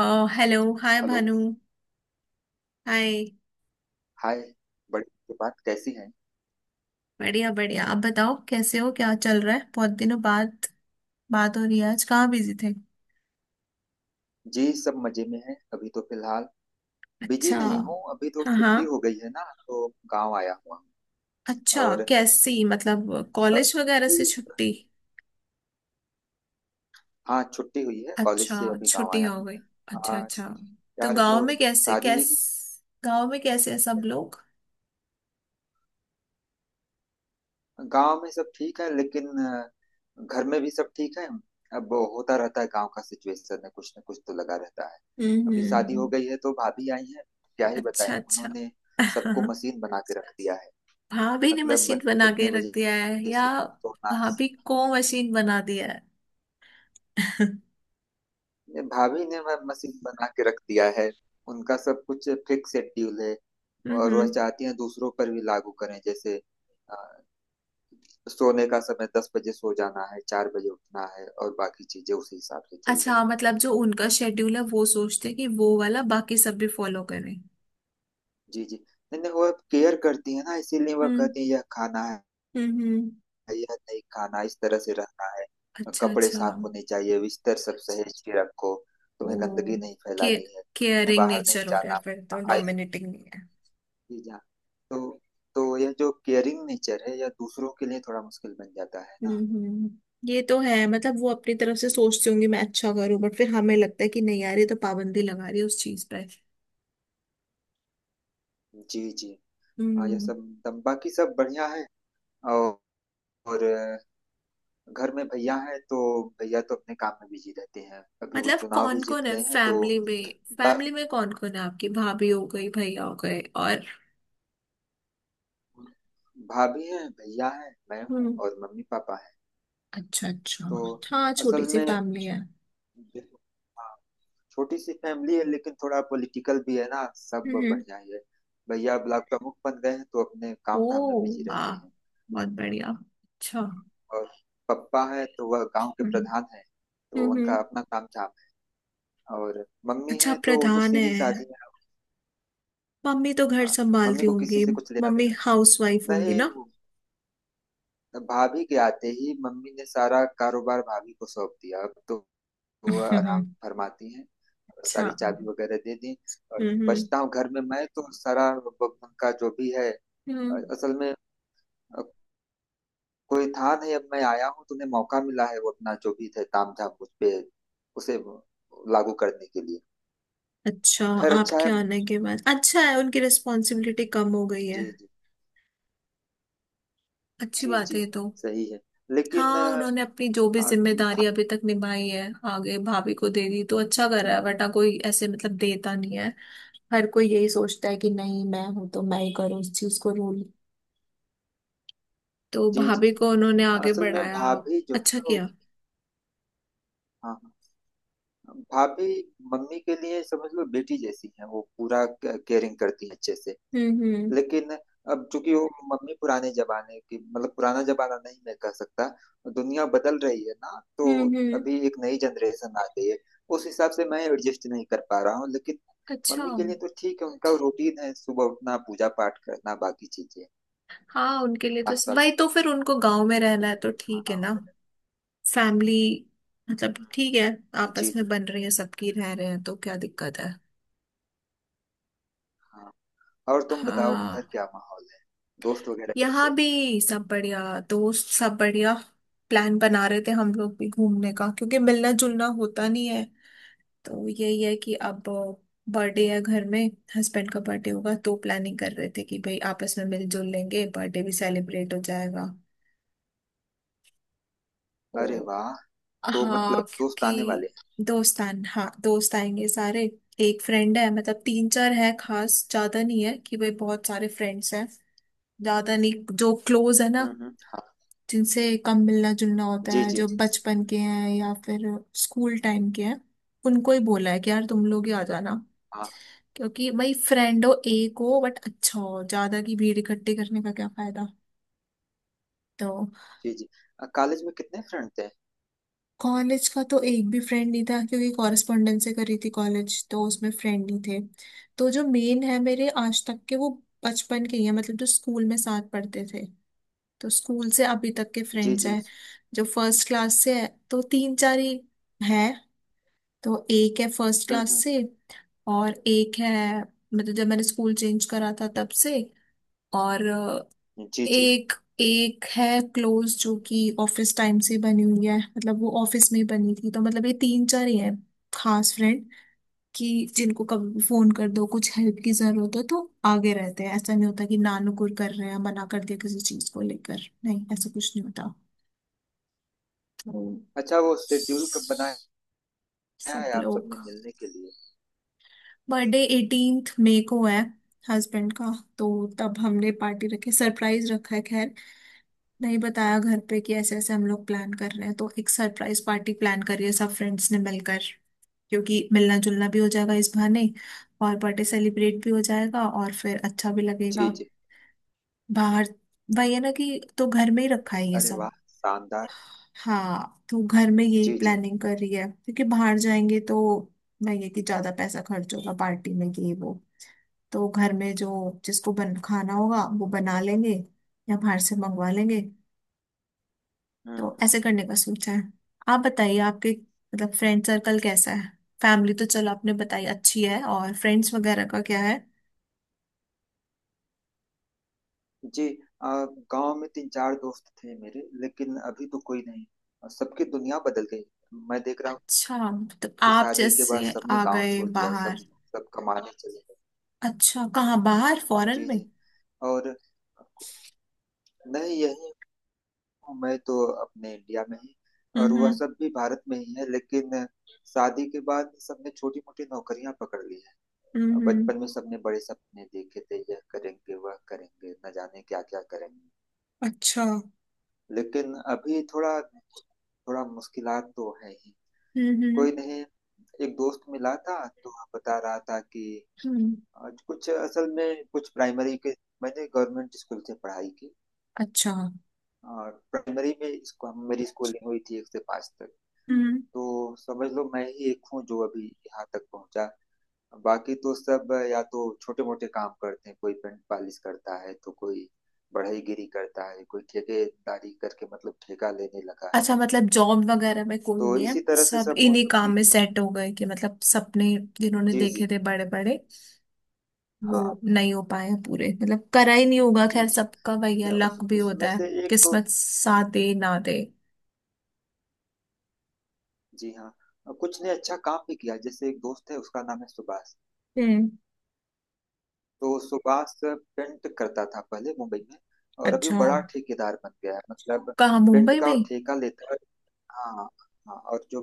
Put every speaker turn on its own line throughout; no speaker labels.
ओ, hello hi
hello,
Bhanu. Hi.
Hi. बड़ी के बात कैसी हैं?
बढ़िया बढ़िया, आप बताओ कैसे हो, क्या चल रहा है। बहुत दिनों बाद बात हो रही है, आज कहाँ बिजी थे।
जी, सब मजे में हैं। अभी तो फिलहाल बिजी
अच्छा।
नहीं हूँ। अभी तो
हाँ
छुट्टी
हाँ।
हो गई है ना, तो गांव आया हुआ हूँ।
अच्छा
और
कैसी, मतलब
अ,
कॉलेज वगैरह
अभी
से छुट्टी।
हाँ, छुट्टी हुई है कॉलेज
अच्छा,
से, अभी गांव
छुट्टी
आया
हो
हूँ।
गई। अच्छा
हाँ।
अच्छा। तो
यार,
गांव
वो
में कैसे
शादी हुई थी।
कैस गांव में कैसे है सब लोग।
गांव में सब ठीक है, लेकिन घर में भी सब ठीक है। अब वो होता रहता है, गांव का सिचुएशन है, कुछ ना कुछ तो लगा रहता है। अभी शादी
हम्म।
हो गई है तो भाभी आई है। क्या ही
अच्छा
बताएं,
अच्छा।
उन्होंने सबको मशीन बना के रख दिया है।
भाभी ने
मतलब
मशीन बना के
इतने
रख
बजे
दिया है या
इसको तोड़ना है।
भाभी को मशीन बना दिया है।
ये भाभी ने वह मशीन बना के रख दिया है। उनका सब कुछ फिक्स शेड्यूल है। और
हम्म।
वह चाहती हैं दूसरों पर भी लागू करें। जैसे अ, सोने का समय दस बजे, सो जाना है, चार बजे उठना है, और बाकी चीजें उसी हिसाब से चल
अच्छा
रही
हाँ,
हैं।
मतलब जो उनका शेड्यूल है वो सोचते हैं कि वो वाला बाकी सब भी फॉलो करें।
जी जी। नहीं नहीं, वह केयर करती है ना, इसीलिए वह
हम्म
कहती है यह खाना है,
हम्म हम्म।
यह नहीं खाना, इस तरह से रहना है।
अच्छा
कपड़े
अच्छा।
साफ होने चाहिए, बिस्तर सब सहेज के रखो,
ओ
तुम्हें गंदगी नहीं
के,
फैलानी है, तुम्हें
केयरिंग
बाहर नहीं
नेचर हो गया,
जाना।
फिर तो
ऐसे
डोमिनेटिंग नहीं है।
ही जा, तो तो यह जो केयरिंग नेचर है, यह दूसरों के लिए थोड़ा मुश्किल बन जाता है
हम्म
ना।
हम्म। ये तो है, मतलब वो अपनी तरफ से
जी
सोचती होंगी मैं अच्छा करूं, बट फिर हमें लगता है कि नहीं यार ये तो पाबंदी लगा रही है उस चीज पर।
जी जी। हाँ, यह
हम्म।
सब बाकी सब बढ़िया है। और, और घर में भैया है, तो भैया तो अपने काम में बिजी रहते हैं। अभी वो
मतलब
चुनाव भी
कौन
जीत
कौन है
गए हैं, तो
फैमिली में
बा-
फैमिली में कौन कौन है, आपकी भाभी हो गई, भैया हो गए और।
भाभी है, भैया है, मैं हूँ,
हम्म।
और मम्मी पापा है।
अच्छा अच्छा।
तो
हाँ, छोटी
असल
सी
में
फैमिली है।
देखो, हाँ, छोटी सी फैमिली है, लेकिन थोड़ा पॉलिटिकल भी है ना। सब
हम्म।
बढ़िया ही है। भैया ब्लॉक प्रमुख बन गए हैं, तो अपने
ओ
काम धाम में बिजी
वाह,
रहते हैं।
बहुत बढ़िया, अच्छा।
और पप्पा है तो वह गांव के
हम्म
प्रधान है। तो
हम्म
उनका
हम्म।
अपना काम धाम है। और मम्मी
अच्छा,
है
आप
तो वो तो
प्रधान है,
सीधी साधी है।
मम्मी तो घर
हाँ, मम्मी
संभालती
को किसी
होंगी,
से कुछ लेना
मम्मी
देना
हाउसवाइफ
नहीं।
होंगी
नहीं
ना।
वो भाभी के आते ही मम्मी ने सारा कारोबार भाभी को सौंप दिया। अब तो वो
अच्छा हम्म।
आराम फरमाती हैं। और
अच्छा।
सारी चाबी वगैरह दे दी। और
हम्म
बचता हूँ घर में मैं, तो सारा उनका जो भी है
हम्म।
असल में अ, कोई था नहीं। अब मैं आया हूँ, तो उन्हें मौका मिला है, वो अपना जो भी था तामझाम उस पे उसे लागू करने के लिए।
अच्छा,
खैर अच्छा
आपके
है जी
आने के बाद अच्छा है, उनकी रिस्पॉन्सिबिलिटी कम हो गई है।
जी।
अच्छी
जी
बात है
जी,
ये तो।
सही है, लेकिन
हाँ, उन्होंने अपनी जो भी
आ, भा,
जिम्मेदारी अभी तक निभाई है आगे भाभी को दे दी तो अच्छा कर रहा
हम्म,
है,
हम्म,
वरना कोई ऐसे मतलब देता नहीं है। हर कोई यही सोचता है कि नहीं, मैं हूं तो मैं ही करूँ उस चीज को रूल। तो
जी जी।
भाभी को उन्होंने आगे
असल में
बढ़ाया,
भाभी जो
अच्छा
है वो,
किया।
हाँ, हाँ, भाभी मम्मी के लिए समझ लो बेटी जैसी है, वो पूरा केयरिंग करती है अच्छे से।
हम्म हम्म
लेकिन अब चूंकि वो मम्मी पुराने जमाने की, मतलब पुराना जमाना नहीं मैं कह सकता, दुनिया बदल रही है ना, तो
हम्म।
अभी एक नई जनरेशन आ गई है। उस हिसाब से मैं एडजस्ट नहीं कर पा रहा हूँ, लेकिन
अच्छा।
मम्मी के लिए तो ठीक है। उनका रूटीन है, सुबह उठना, पूजा पाठ करना, बाकी चीजें,
हाँ, उनके लिए तो
नाश्ता
भाई, तो फिर उनको गांव में रहना है तो
वगैरह,
ठीक
खाना
है ना।
वगैरह।
फैमिली, मतलब ठीक है।
हम्म, जी
आपस में
जी।
बन रही है सबकी, रह रहे हैं तो क्या दिक्कत है।
हाँ, और तुम बताओ उधर
हाँ।
क्या माहौल है, दोस्त वगैरह
यहाँ
कैसे?
भी सब बढ़िया, दोस्त सब बढ़िया। प्लान बना रहे थे हम लोग भी घूमने का क्योंकि मिलना जुलना होता नहीं है, तो यही है कि अब बर्थडे है घर में। हस्बैंड का बर्थडे होगा, तो प्लानिंग कर रहे थे कि भाई आपस में मिलजुल लेंगे, बर्थडे भी सेलिब्रेट हो जाएगा तो।
अरे वाह, तो
हाँ
मतलब दोस्त आने वाले
क्योंकि
हैं।
दोस्तान, हाँ दोस्त आएंगे सारे। एक फ्रेंड है, मतलब तीन चार है खास, ज्यादा नहीं है कि भाई बहुत सारे फ्रेंड्स हैं, ज्यादा नहीं। जो क्लोज है ना,
हम्म, हाँ।
जिनसे कम मिलना जुलना होता
जी
है,
जी।
जो बचपन के हैं या फिर स्कूल टाइम के हैं, उनको ही बोला है कि यार तुम लोग ही आ जाना।
हाँ।
क्योंकि भाई फ्रेंड हो एक हो बट अच्छा हो, ज्यादा की भीड़ इकट्ठी करने का क्या फायदा। तो
जी जी। कॉलेज में कितने फ्रेंड थे?
कॉलेज का तो एक भी फ्रेंड नहीं था, क्योंकि कॉरेस्पॉन्डेंस से करी थी कॉलेज, तो उसमें फ्रेंड ही थे। तो जो मेन है मेरे आज तक के वो बचपन के ही है, मतलब जो स्कूल में साथ पढ़ते थे, तो स्कूल से अभी तक के
जी
फ्रेंड्स
जी।
हैं। जो फर्स्ट क्लास से है तो तीन चार ही है। तो एक है फर्स्ट क्लास
हम्म।
से, और एक है मतलब जब मैंने स्कूल चेंज करा था तब से। और
जी जी।
एक एक है क्लोज, जो कि ऑफिस टाइम से बनी हुई है, मतलब वो ऑफिस में ही बनी थी, तो मतलब ये तीन चार ही हैं खास फ्रेंड, कि जिनको कभी भी फोन कर दो कुछ हेल्प की जरूरत हो तो आगे रहते हैं, ऐसा नहीं होता कि नानुकुर कर रहे हैं, मना कर दिया किसी चीज को लेकर नहीं, ऐसा कुछ नहीं होता। तो
अच्छा, वो शेड्यूल कब बनाया
स-
है
सब
आप सबने
लोग।
मिलने के लिए?
बर्थडे 18th मई को है, हस्बैंड का। तो तब हमने पार्टी रखी, सरप्राइज रखा है, खैर नहीं बताया घर पे कि ऐसे ऐसे हम लोग प्लान कर रहे हैं, तो एक सरप्राइज पार्टी प्लान करी है सब फ्रेंड्स ने मिलकर, क्योंकि मिलना जुलना भी हो जाएगा इस बहाने और बर्थडे सेलिब्रेट भी हो जाएगा और फिर अच्छा भी
जी
लगेगा।
जी।
बाहर वही है ना कि, तो घर में ही रखा है ये
अरे
सब।
वाह, शानदार।
हाँ, तो घर में यही
जी जी।
प्लानिंग कर रही है, क्योंकि बाहर जाएंगे तो वही है कि ज्यादा पैसा खर्च होगा पार्टी में ये वो। तो घर में जो जिसको बन खाना होगा वो बना लेंगे या बाहर से मंगवा लेंगे,
हम्म हम्म।
तो ऐसे करने का सोचा है। आप बताइए आपके, मतलब फ्रेंड सर्कल कैसा है, फैमिली तो चलो आपने बताई अच्छी है और फ्रेंड्स वगैरह का क्या है।
जी, अ, गांव में तीन चार दोस्त थे मेरे, लेकिन अभी तो कोई नहीं। सबकी दुनिया बदल गई। मैं देख रहा हूँ
अच्छा मतलब
कि
आप
शादी के
जैसे
बाद सबने
आ
गांव
गए
छोड़ दिया, सब
बाहर।
सब कमाने चले गए।
अच्छा, कहाँ, बाहर फॉरेन
जी
में।
जी। और नहीं, यही हूँ, मैं तो अपने इंडिया में ही। और वह
हम्म
सब भी भारत में ही है, लेकिन शादी के बाद सबने छोटी मोटी नौकरियां पकड़ ली
हम्म
है।
हम्म,
बचपन में सबने बड़े सपने देखे थे, यह करेंगे वह करेंगे, न जाने क्या क्या करेंगे,
अच्छा।
लेकिन अभी थोड़ा, थोड़ा मुश्किलात तो है ही।
हम्म हम्म
कोई नहीं। एक दोस्त मिला था, तो वह बता रहा था कि
हम्म,
आज कुछ, असल में कुछ प्राइमरी के, मैंने गवर्नमेंट स्कूल से पढ़ाई की।
अच्छा।
और प्राइमरी में इसको मेरी स्कूलिंग हुई थी एक से पाँच तक।
हम्म।
तो समझ लो मैं ही एक हूँ जो अभी यहाँ तक पहुंचा। बाकी तो सब या तो छोटे मोटे काम करते हैं, कोई पेंट पॉलिश करता है, तो कोई बढ़ईगिरी करता है, कोई ठेकेदारी करके, मतलब ठेका लेने लगा है।
अच्छा मतलब जॉब वगैरह में कोई
तो
नहीं है,
इसी तरह से
सब
सब
इन्हीं
मौसम
काम
के।
में सेट हो गए, कि मतलब सपने जिन्होंने
जी जी।
देखे थे बड़े बड़े
हाँ।
वो नहीं हो पाए हैं पूरे, मतलब करा ही नहीं होगा,
जी
खैर
जी
सबका वही है,
ने
लक भी होता
उसमें
है,
से एक दोस्त।
किस्मत साथ दे ना दे।
जी हाँ, कुछ ने अच्छा काम भी किया। जैसे एक दोस्त है, उसका नाम है सुभाष।
हम्म।
तो सुभाष पेंट करता था पहले मुंबई में, और अभी वो
अच्छा
बड़ा ठेकेदार बन गया है। मतलब
कहाँ,
पेंट
मुंबई
का
में।
वो ठेका लेता है। हाँ हाँ, और जो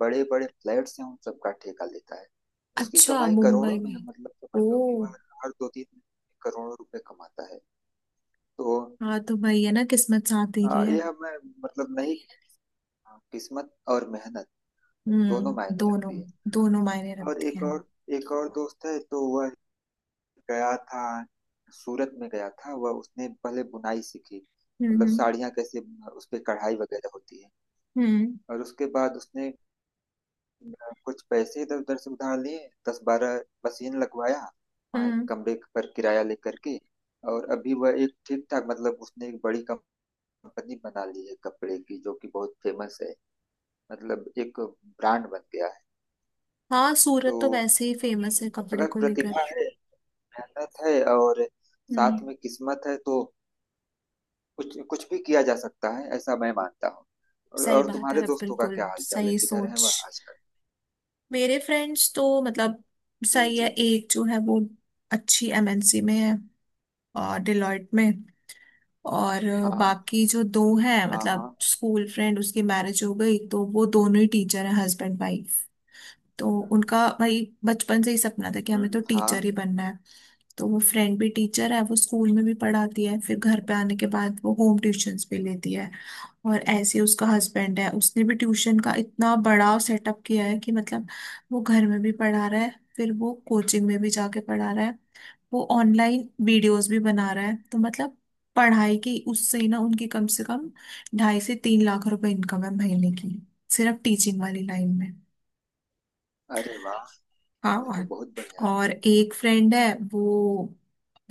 बड़े बड़े फ्लैट्स हैं, उन सबका ठेका लेता है। उसकी
अच्छा,
कमाई करोड़ों
मुंबई
में है।
में।
मतलब समझ
ओ।
लो कि वह हर दो तीन महीने में करोड़ों रुपए कमाता है। तो
हाँ तो वही है ना, किस्मत साथ दे रही है।
यह मैं मतलब नहीं, किस्मत और मेहनत दोनों
हम्म,
मायने
दोनों।
रखती है।
दोनों मायने
और
रखते
एक
हैं।
एक और दोस्त है, तो वह गया था, सूरत में गया था। वह, उसने पहले बुनाई सीखी, मतलब
हम्म।
साड़ियाँ कैसे उस पे कढ़ाई वगैरह होती है।
हम्म
और उसके बाद उसने, मैं कुछ पैसे इधर उधर से उधार लिए, दस बारह मशीन लगवाया वहाँ, एक
हम्म।
कमरे पर किराया लेकर के। और अभी वह एक ठीक ठाक, मतलब उसने एक बड़ी कंपनी बना ली है कपड़े की, जो कि बहुत फेमस है। मतलब एक ब्रांड बन गया है।
हाँ, सूरत तो
तो
वैसे ही फेमस है कपड़े
अगर
को लेकर।
प्रतिभा है, मेहनत है और साथ
हम्म।
में किस्मत है, तो कुछ कुछ भी किया जा सकता है, ऐसा मैं मानता हूँ। और,
सही
और
बात
तुम्हारे
है
दोस्तों का
बिल्कुल,
क्या हाल चाल है,
सही
किधर है
सोच।
वह आजकल?
मेरे फ्रेंड्स तो मतलब
जी
सही है।
जी।
एक जो है वो अच्छी एमएनसी में है, और डिलॉयट में। और
हाँ हाँ
बाकी जो दो हैं,
हाँ।
मतलब
हाँ।
स्कूल फ्रेंड, उसकी मैरिज हो गई तो वो दोनों ही टीचर हैं, हस्बैंड वाइफ। तो उनका भाई बचपन से ही सपना था कि हमें तो टीचर
हाँ।
ही बनना है। तो वो फ्रेंड भी टीचर है, वो स्कूल में भी पढ़ाती है, फिर घर पे आने के बाद वो होम ट्यूशंस भी लेती है। और ऐसे ही उसका हस्बैंड है, उसने भी ट्यूशन का इतना बड़ा सेटअप किया है कि मतलब वो घर में भी पढ़ा रहा है, फिर वो कोचिंग में भी जाके पढ़ा रहा है, वो ऑनलाइन वीडियोस भी बना रहा है, तो मतलब पढ़ाई की उससे ही ना उनकी कम से कम 2.5 से 3 लाख रुपए इनकम है महीने की, सिर्फ टीचिंग वाली लाइन में।
अरे वाह,
हाँ।
यह तो
और
बहुत बढ़िया है।
और एक फ्रेंड है वो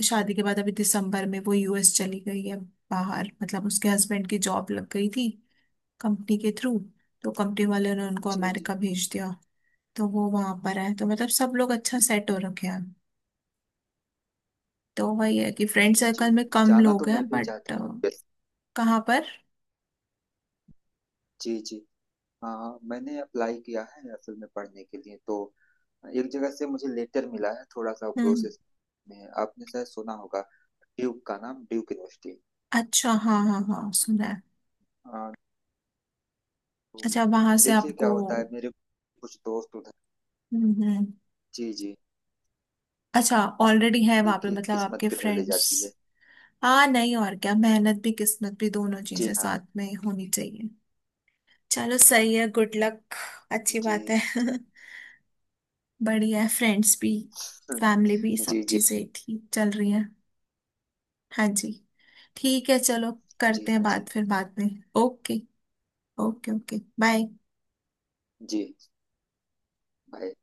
शादी के बाद अभी दिसंबर में वो यूएस चली गई है बाहर, मतलब उसके हस्बैंड की जॉब लग गई थी कंपनी के थ्रू, तो कंपनी वालों ने उनको
जी जी।
अमेरिका भेज दिया, तो वो वहां पर है, तो मतलब सब लोग अच्छा सेट हो रखे हैं, तो वही है कि फ्रेंड
जी,
सर्कल में कम
जाना तो
लोग
मैं
हैं
भी
बट।
चाहती।
कहाँ पर।
जी जी। हाँ, मैंने अप्लाई किया है, असल में पढ़ने के लिए तो एक जगह से मुझे लेटर मिला है, थोड़ा सा
हम्म।
प्रोसेस में। आपने शायद सुना होगा ड्यूक का नाम, ड्यूक यूनिवर्सिटी।
अच्छा हाँ हाँ हाँ, सुना है।
हाँ,
अच्छा वहां
तो
से
देखिए
आपको।
क्या होता है, मेरे कुछ दोस्त उधर।
हम्म।
जी जी।
अच्छा, ऑलरेडी है वहां पे
देखिए
मतलब
किस्मत
आपके
किधर ले
फ्रेंड्स।
जाती है।
हाँ नहीं, और क्या, मेहनत भी किस्मत भी दोनों
जी
चीजें
हाँ।
साथ में होनी चाहिए। चलो, सही है, गुड लक, अच्छी
जी
बात है। बढ़िया है, फ्रेंड्स भी फैमिली भी सब
जी। जी।
चीजें ठीक चल रही हैं। हाँ जी, ठीक है चलो,
जी
करते हैं
हाँ। जी।
बात फिर बाद में। ओके। Okay okay bye.
जी भाई।